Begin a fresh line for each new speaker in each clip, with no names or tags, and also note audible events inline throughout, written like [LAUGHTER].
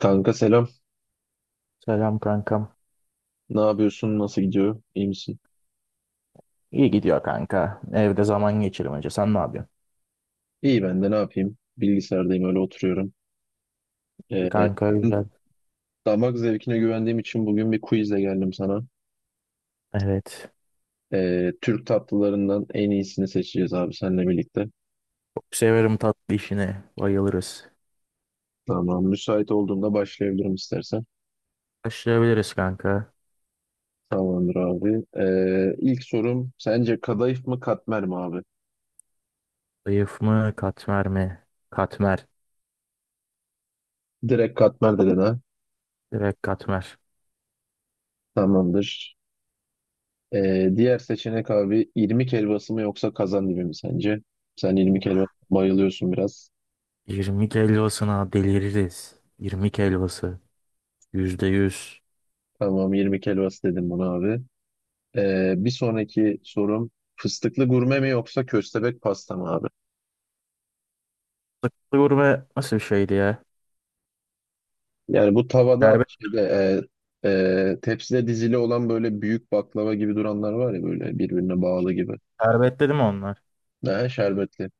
Kanka selam.
Selam kankam.
Ne yapıyorsun? Nasıl gidiyor? İyi misin?
İyi gidiyor kanka. Evde zaman geçirmece. Sen ne yapıyorsun?
İyi, ben de ne yapayım? Bilgisayardayım, öyle oturuyorum.
İyi
Ee,
kanka güzel.
damak zevkine güvendiğim için bugün bir quizle geldim sana.
Evet.
Türk tatlılarından en iyisini seçeceğiz abi seninle birlikte.
Çok severim tatlı işini. Bayılırız.
Tamam. Müsait olduğunda başlayabilirim istersen.
Başlayabiliriz kanka.
Tamamdır abi. İlk sorum sence kadayıf mı katmer mi abi?
Zayıf mı katmer mi? Katmer.
Direkt katmer dedin ha.
Direkt katmer.
Tamamdır. Diğer seçenek abi irmik helvası mı yoksa kazandibi mi sence? Sen irmik helvası bayılıyorsun biraz.
20 helvasına deliririz. 20 helvası. Yüzde yüz.
Tamam, 20 helvası dedim buna abi. Bir sonraki sorum fıstıklı gurme mi yoksa köstebek pasta mı abi?
Gurme nasıl bir şeydi ya?
Yani bu tavada
Şerbet,
şeyde tepside dizili olan böyle büyük baklava gibi duranlar var ya, böyle birbirine bağlı gibi.
şerbet dedim onlar.
Ne şerbetli.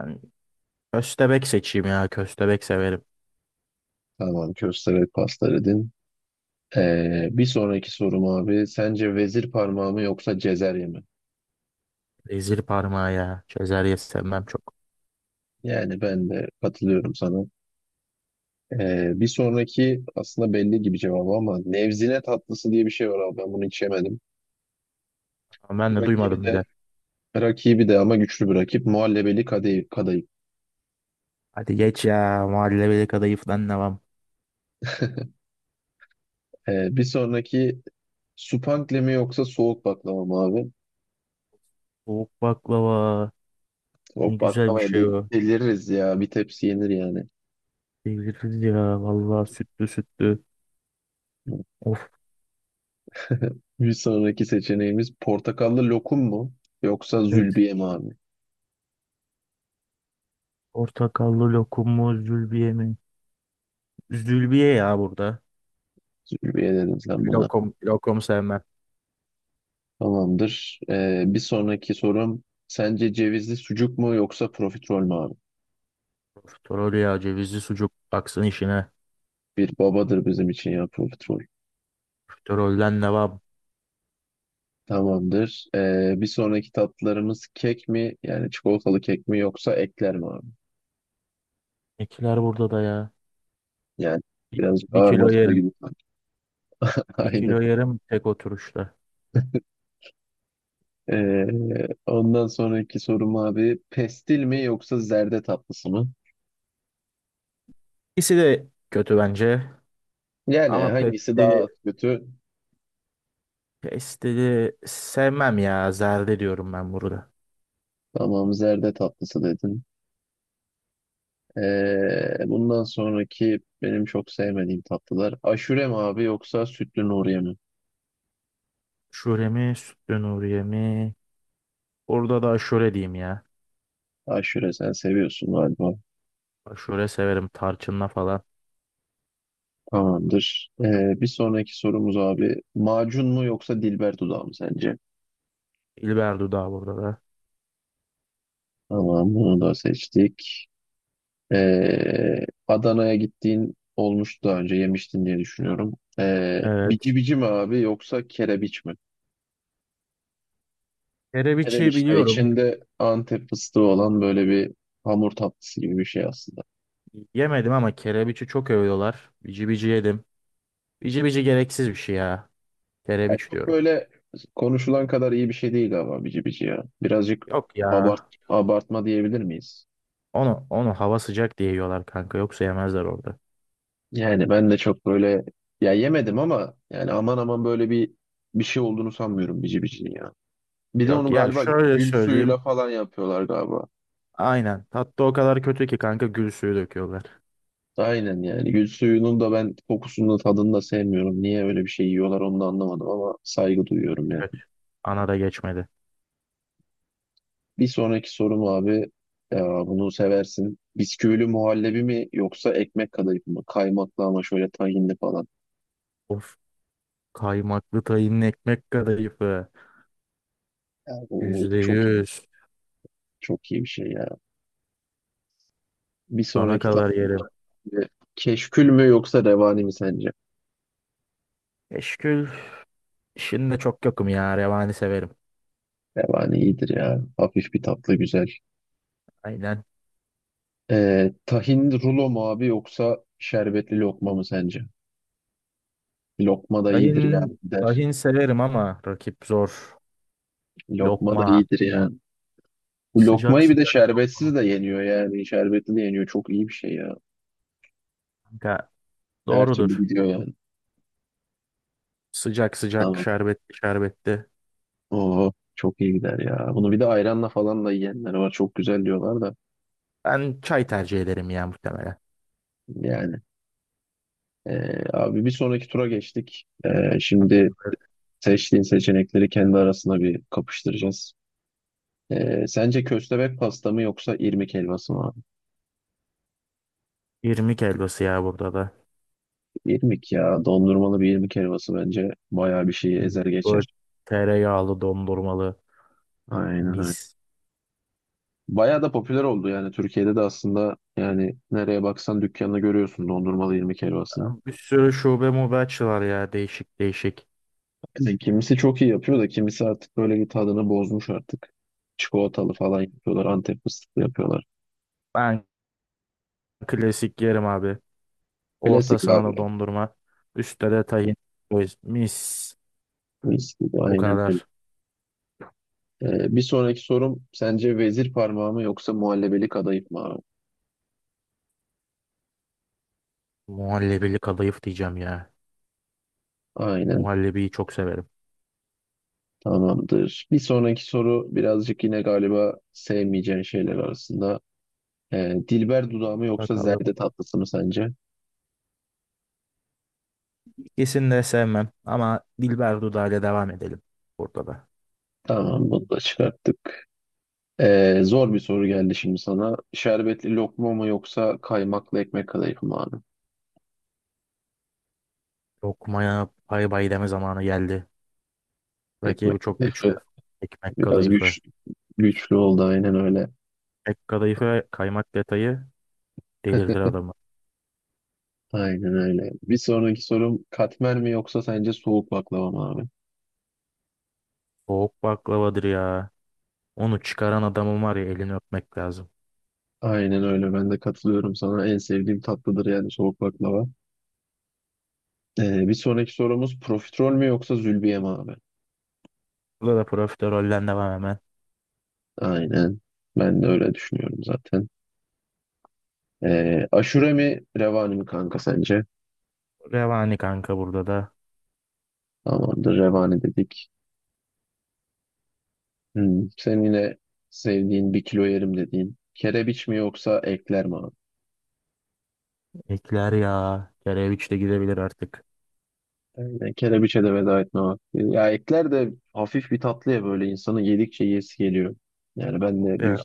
Yani köstebek seçeyim ya. Köstebek severim.
Tamam, köstebek pasta dedin. Bir sonraki sorum abi sence vezir parmağı mı yoksa cezerye mi?
Rezil parmağı ya. Çözer yesem çok.
Yani ben de katılıyorum sana. Bir sonraki aslında belli gibi cevabı ama nevzine tatlısı diye bir şey var abi, ben bunu hiç yemedim.
Ama ben de
Rakibi
duymadım
de
bile.
rakibi de ama güçlü bir rakip. Muhallebeli Kadayıf. Kadayıf.
Hadi geç ya. Mahalleli kadayıf falan var?
Bir sonraki Supankle mi yoksa soğuk baklava mı abi?
Soğuk baklava. Ne
Soğuk
güzel bir
baklavaya
şey o.
deliririz ya. Bir tepsi yenir yani.
Deliririz ya. Vallahi sütlü sütlü. Of,
[LAUGHS] Bir sonraki seçeneğimiz portakallı lokum mu yoksa
evet.
zülbiye mi abi?
Portakallı lokum mu zülbiye mi? Zülbiye ya burada.
Zülbiye dedin sen buna.
Lokum, lokum sevmem.
Tamamdır. Bir sonraki sorum sence cevizli sucuk mu yoksa profiterol mü abi?
Profiterol ya cevizli sucuk. Baksın işine.
Bir babadır bizim için ya profiterol.
Profiterolden ne var?
Tamamdır. Bir sonraki tatlılarımız kek mi? Yani çikolatalı kek mi yoksa ekler mi abi?
Ekiler burada da ya.
Yani
Bir,
birazcık
bir
ağır
kilo
basma
yerim.
gibi sanki. [LAUGHS]
Bir
Aynen.
kilo yerim tek oturuşta.
Ondan sonraki sorum abi pestil mi yoksa zerde tatlısı mı?
İkisi de kötü bence.
Yani
Ama
hangisi daha kötü?
Pesteli sevmem ya. Zerde diyorum ben burada.
Tamam, zerde tatlısı dedin. Bundan sonraki benim çok sevmediğim tatlılar. Aşure mi abi yoksa sütlü Nuriye mi?
Şöyle mi? Sütlü Nuriye mi? Burada da aşure diyeyim ya.
Aşure sen seviyorsun galiba.
Aşure severim. Tarçınla falan.
Tamamdır. Bir sonraki sorumuz abi. Macun mu yoksa Dilber dudağı mı sence?
İlber dudağı burada da.
Tamam, bunu da seçtik. Adana'ya gittiğin olmuş, daha önce yemiştin diye düşünüyorum.
Evet.
Bici bici mi abi yoksa kerebiç mi?
Kerebiçi
Kerebiç de
biliyorum.
içinde Antep fıstığı olan böyle bir hamur tatlısı gibi bir şey aslında.
Yemedim ama kerebiçi çok övüyorlar. Bici bici yedim. Bici bici gereksiz bir şey ya.
Yani
Kerebiç
çok
diyorum.
böyle konuşulan kadar iyi bir şey değil ama bici bici ya. Birazcık
Yok ya.
abart, abartma diyebilir miyiz?
Onu hava sıcak diye yiyorlar kanka. Yoksa yemezler orada.
Yani ben de çok böyle, ya yemedim ama yani aman aman böyle bir şey olduğunu sanmıyorum bici bicinin ya. Bir de
Yok
onu
ya,
galiba
şöyle
gül
söyleyeyim.
suyuyla falan yapıyorlar galiba.
Aynen. Tatlı o kadar kötü ki kanka gül suyu döküyorlar.
Aynen, yani gül suyunun da ben kokusunu da tadını da sevmiyorum. Niye öyle bir şey yiyorlar onu da anlamadım ama saygı duyuyorum yani.
Evet. Ana da geçmedi.
Bir sonraki sorum abi, ya bunu seversin. Bisküvili muhallebi mi yoksa ekmek kadayıf mı? Kaymaklı ama şöyle tahinli falan.
Of, kaymaklı tayının ekmek kadayıfı.
Ya bu
Yüzde
çok
yüz.
çok iyi bir şey ya. Bir
Sana
sonraki tatlı.
kadar yerim.
Keşkül mü yoksa revani mi sence?
Eşkül işinde çok yokum ya. Revani severim.
Revani iyidir ya. Hafif bir tatlı, güzel.
Aynen.
Tahin rulo mu abi yoksa şerbetli lokma mı sence? Lokma da iyidir
Tahin,
yani, gider.
tahin severim ama rakip zor.
Lokma da
Lokma.
iyidir yani. Bu
Sıcak
lokmayı bir de
sıcak lokma.
şerbetsiz de yeniyor yani. Şerbetli de yeniyor. Çok iyi bir şey ya.
Kanka,
Her türlü
doğrudur.
gidiyor yani.
Sıcak sıcak
Tamam.
şerbetli şerbetli.
Oo, çok iyi gider ya. Bunu bir de ayranla falan da yiyenler var. Çok güzel diyorlar da.
Ben çay tercih ederim ya muhtemelen.
Yani. Abi bir sonraki tura geçtik. Şimdi
Tamamdır.
seçtiğin seçenekleri kendi arasında bir kapıştıracağız. Sence köstebek pasta mı yoksa irmik helvası mı abi?
20 helvası ya burada da.
İrmik ya. Dondurmalı bir irmik helvası bence bayağı bir şeyi ezer
20, böyle
geçer.
tereyağlı dondurmalı,
Aynen öyle.
mis.
Bayağı da popüler oldu yani. Türkiye'de de aslında yani nereye baksan dükkanını görüyorsun dondurmalı irmik helvasını.
Bir sürü şube mobe açılar ya, değişik değişik.
Yani kimisi çok iyi yapıyor da kimisi artık böyle bir tadını bozmuş artık. Çikolatalı falan yapıyorlar. Antep fıstıklı yapıyorlar.
Ben klasik yerim abi. Orta
Klasik abi.
sahada dondurma. Üstte de tahin. Mis.
Klasik.
Bu
Aynen.
kadar.
Bir sonraki sorum sence vezir parmağı mı yoksa muhallebelik kadayıf mı abi?
Muhallebili kadayıf diyeceğim ya.
Aynen,
Muhallebiyi çok severim.
tamamdır. Bir sonraki soru birazcık yine galiba sevmeyeceğin şeyler arasında. Dilber dudağı mı yoksa
Bakalım.
zerde tatlısı mı sence?
İkisini de sevmem ama Dilber Dudağ'la devam edelim burada da.
Tamam, bunu da çıkarttık. Zor bir soru geldi şimdi sana. Şerbetli lokma mı yoksa kaymaklı ekmek kadayıf mı abi?
Lokmaya bay bay deme zamanı geldi. Rakibi
Ekmek
çok
kadayıfı
güçlü. Ekmek
biraz
kadayıfı.
güçlü oldu, aynen öyle.
Ekmek kadayıfı ve kaymak detayı delirtir
[LAUGHS]
adamı.
Aynen öyle. Bir sonraki sorum katmer mi yoksa sence soğuk baklava mı abi?
Soğuk baklavadır ya. Onu çıkaran adamın var ya, elini öpmek lazım.
Aynen öyle. Ben de katılıyorum sana. En sevdiğim tatlıdır yani soğuk baklava. Bir sonraki sorumuz profiterol mü yoksa zülbiye mi abi?
Burada da profiterollen devam hemen.
Aynen. Ben de öyle düşünüyorum zaten. Aşure mi revani mi kanka sence?
Revani kanka burada da.
Tamamdır, revani dedik. Hmm. Senin yine sevdiğin, bir kilo yerim dediğin. Kerebiç mi yoksa ekler mi abi?
Ekler ya. Kereviç de gidebilir artık.
Aynen. Kerebiçe de veda etme vakti. Ya ekler de hafif bir tatlı ya, böyle insanı yedikçe yesi geliyor. Yani ben de büyük
Ya.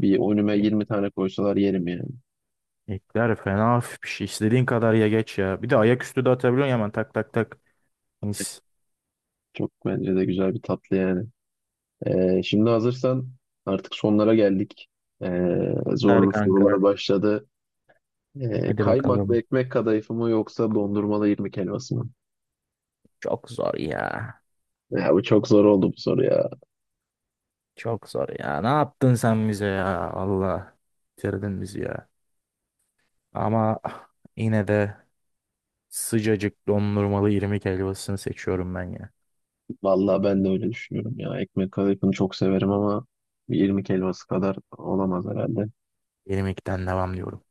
bir önüme
E-
20 tane koysalar yerim yani.
Ekler fena hafif bir şey. İstediğin kadar ya, geç ya. Bir de ayaküstü de atabiliyorsun hemen, tak tak tak. Mis.
Çok bence de güzel bir tatlı yani. Şimdi hazırsan artık sonlara geldik.
Süper
Zorlu
kanka.
sorular başladı.
Hadi
Kaymaklı
bakalım.
ekmek kadayıfı mı yoksa dondurmalı irmik helvası mı?
Çok zor ya.
Ya bu çok zor oldu bu soru ya.
Çok zor ya. Ne yaptın sen bize ya? Allah. Bitirdin bizi ya. Ama yine de sıcacık dondurmalı irmik helvasını seçiyorum ben ya.
Vallahi ben de öyle düşünüyorum ya. Ekmek kadayıfını çok severim ama bir irmik helvası kadar olamaz herhalde.
Benim ilkten devam diyorum.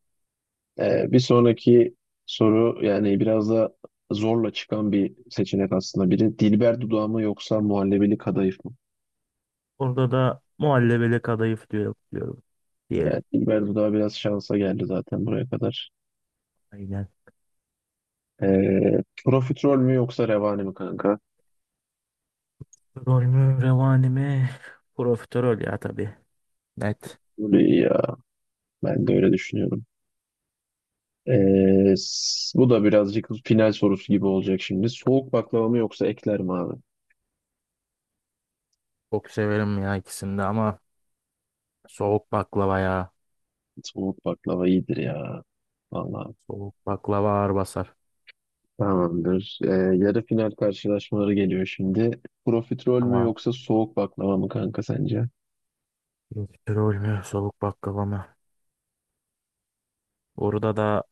Bir sonraki soru yani biraz da zorla çıkan bir seçenek aslında biri. Dilber dudağı mı yoksa muhallebili kadayıf mı?
Orada da muhallebele kadayıf diyorum
Yani
diyelim.
Dilber Duda biraz şansa geldi zaten buraya kadar.
Aynen.
Profiterol mü yoksa revani mi kanka?
Rol mü, revani mi? Profiterol ya tabii. Net.
Böyle iyi. Ya ben de öyle düşünüyorum. Bu da birazcık final sorusu gibi olacak şimdi. Soğuk baklava mı yoksa ekler mi abi?
Çok severim ya ikisini de, ama soğuk baklava ya.
Soğuk baklava iyidir ya. Vallahi
Soğuk baklava ağır basar.
tamamdır. Yarı final karşılaşmaları geliyor şimdi. Profiterol mü
Tamam.
yoksa soğuk baklava mı kanka sence?
Profiterol mü? Soğuk baklava mı? Burada da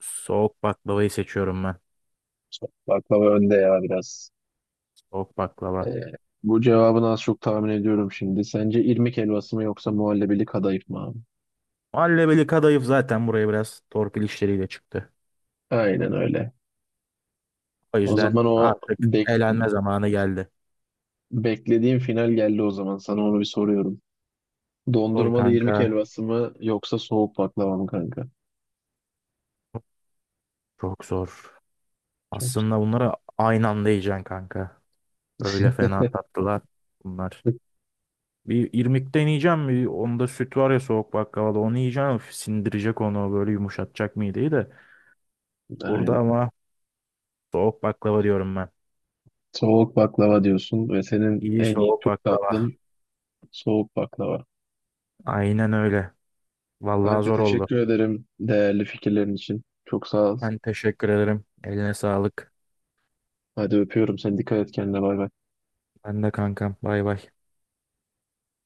soğuk baklavayı seçiyorum ben.
Soğuk baklava önde ya biraz.
Soğuk baklava.
Ee, bu cevabını az çok tahmin ediyorum şimdi. Sence irmik helvası mı yoksa muhallebili kadayıf mı abi?
Muhallebeli kadayıf zaten buraya biraz torpil işleriyle çıktı.
Aynen öyle.
O
O
yüzden
zaman o
artık eğlenme zamanı geldi.
beklediğim final geldi o zaman. Sana onu bir soruyorum.
Sor
Dondurmalı
kanka.
irmik helvası mı yoksa soğuk baklava mı kanka?
Çok zor.
Çok
Aslında bunlara aynı anda yiyeceksin kanka. Öyle fena tatlılar bunlar. Bir irmik deneyeceğim. Bir, onda süt var ya, soğuk baklavada onu yiyeceğim. Üf, sindirecek onu, böyle yumuşatacak mideyi de.
[LAUGHS]
Burada
aynen.
ama soğuk baklava diyorum ben.
Soğuk baklava diyorsun ve senin
İyi
en iyi
soğuk
Türk
baklava.
tatlın soğuk baklava.
Aynen öyle. Vallahi
Kanka
zor oldu.
teşekkür ederim değerli fikirlerin için. Çok sağ ol.
Ben teşekkür ederim. Eline sağlık.
Hadi öpüyorum seni. Dikkat et kendine. Bay bay.
Ben de kankam. Bay bay.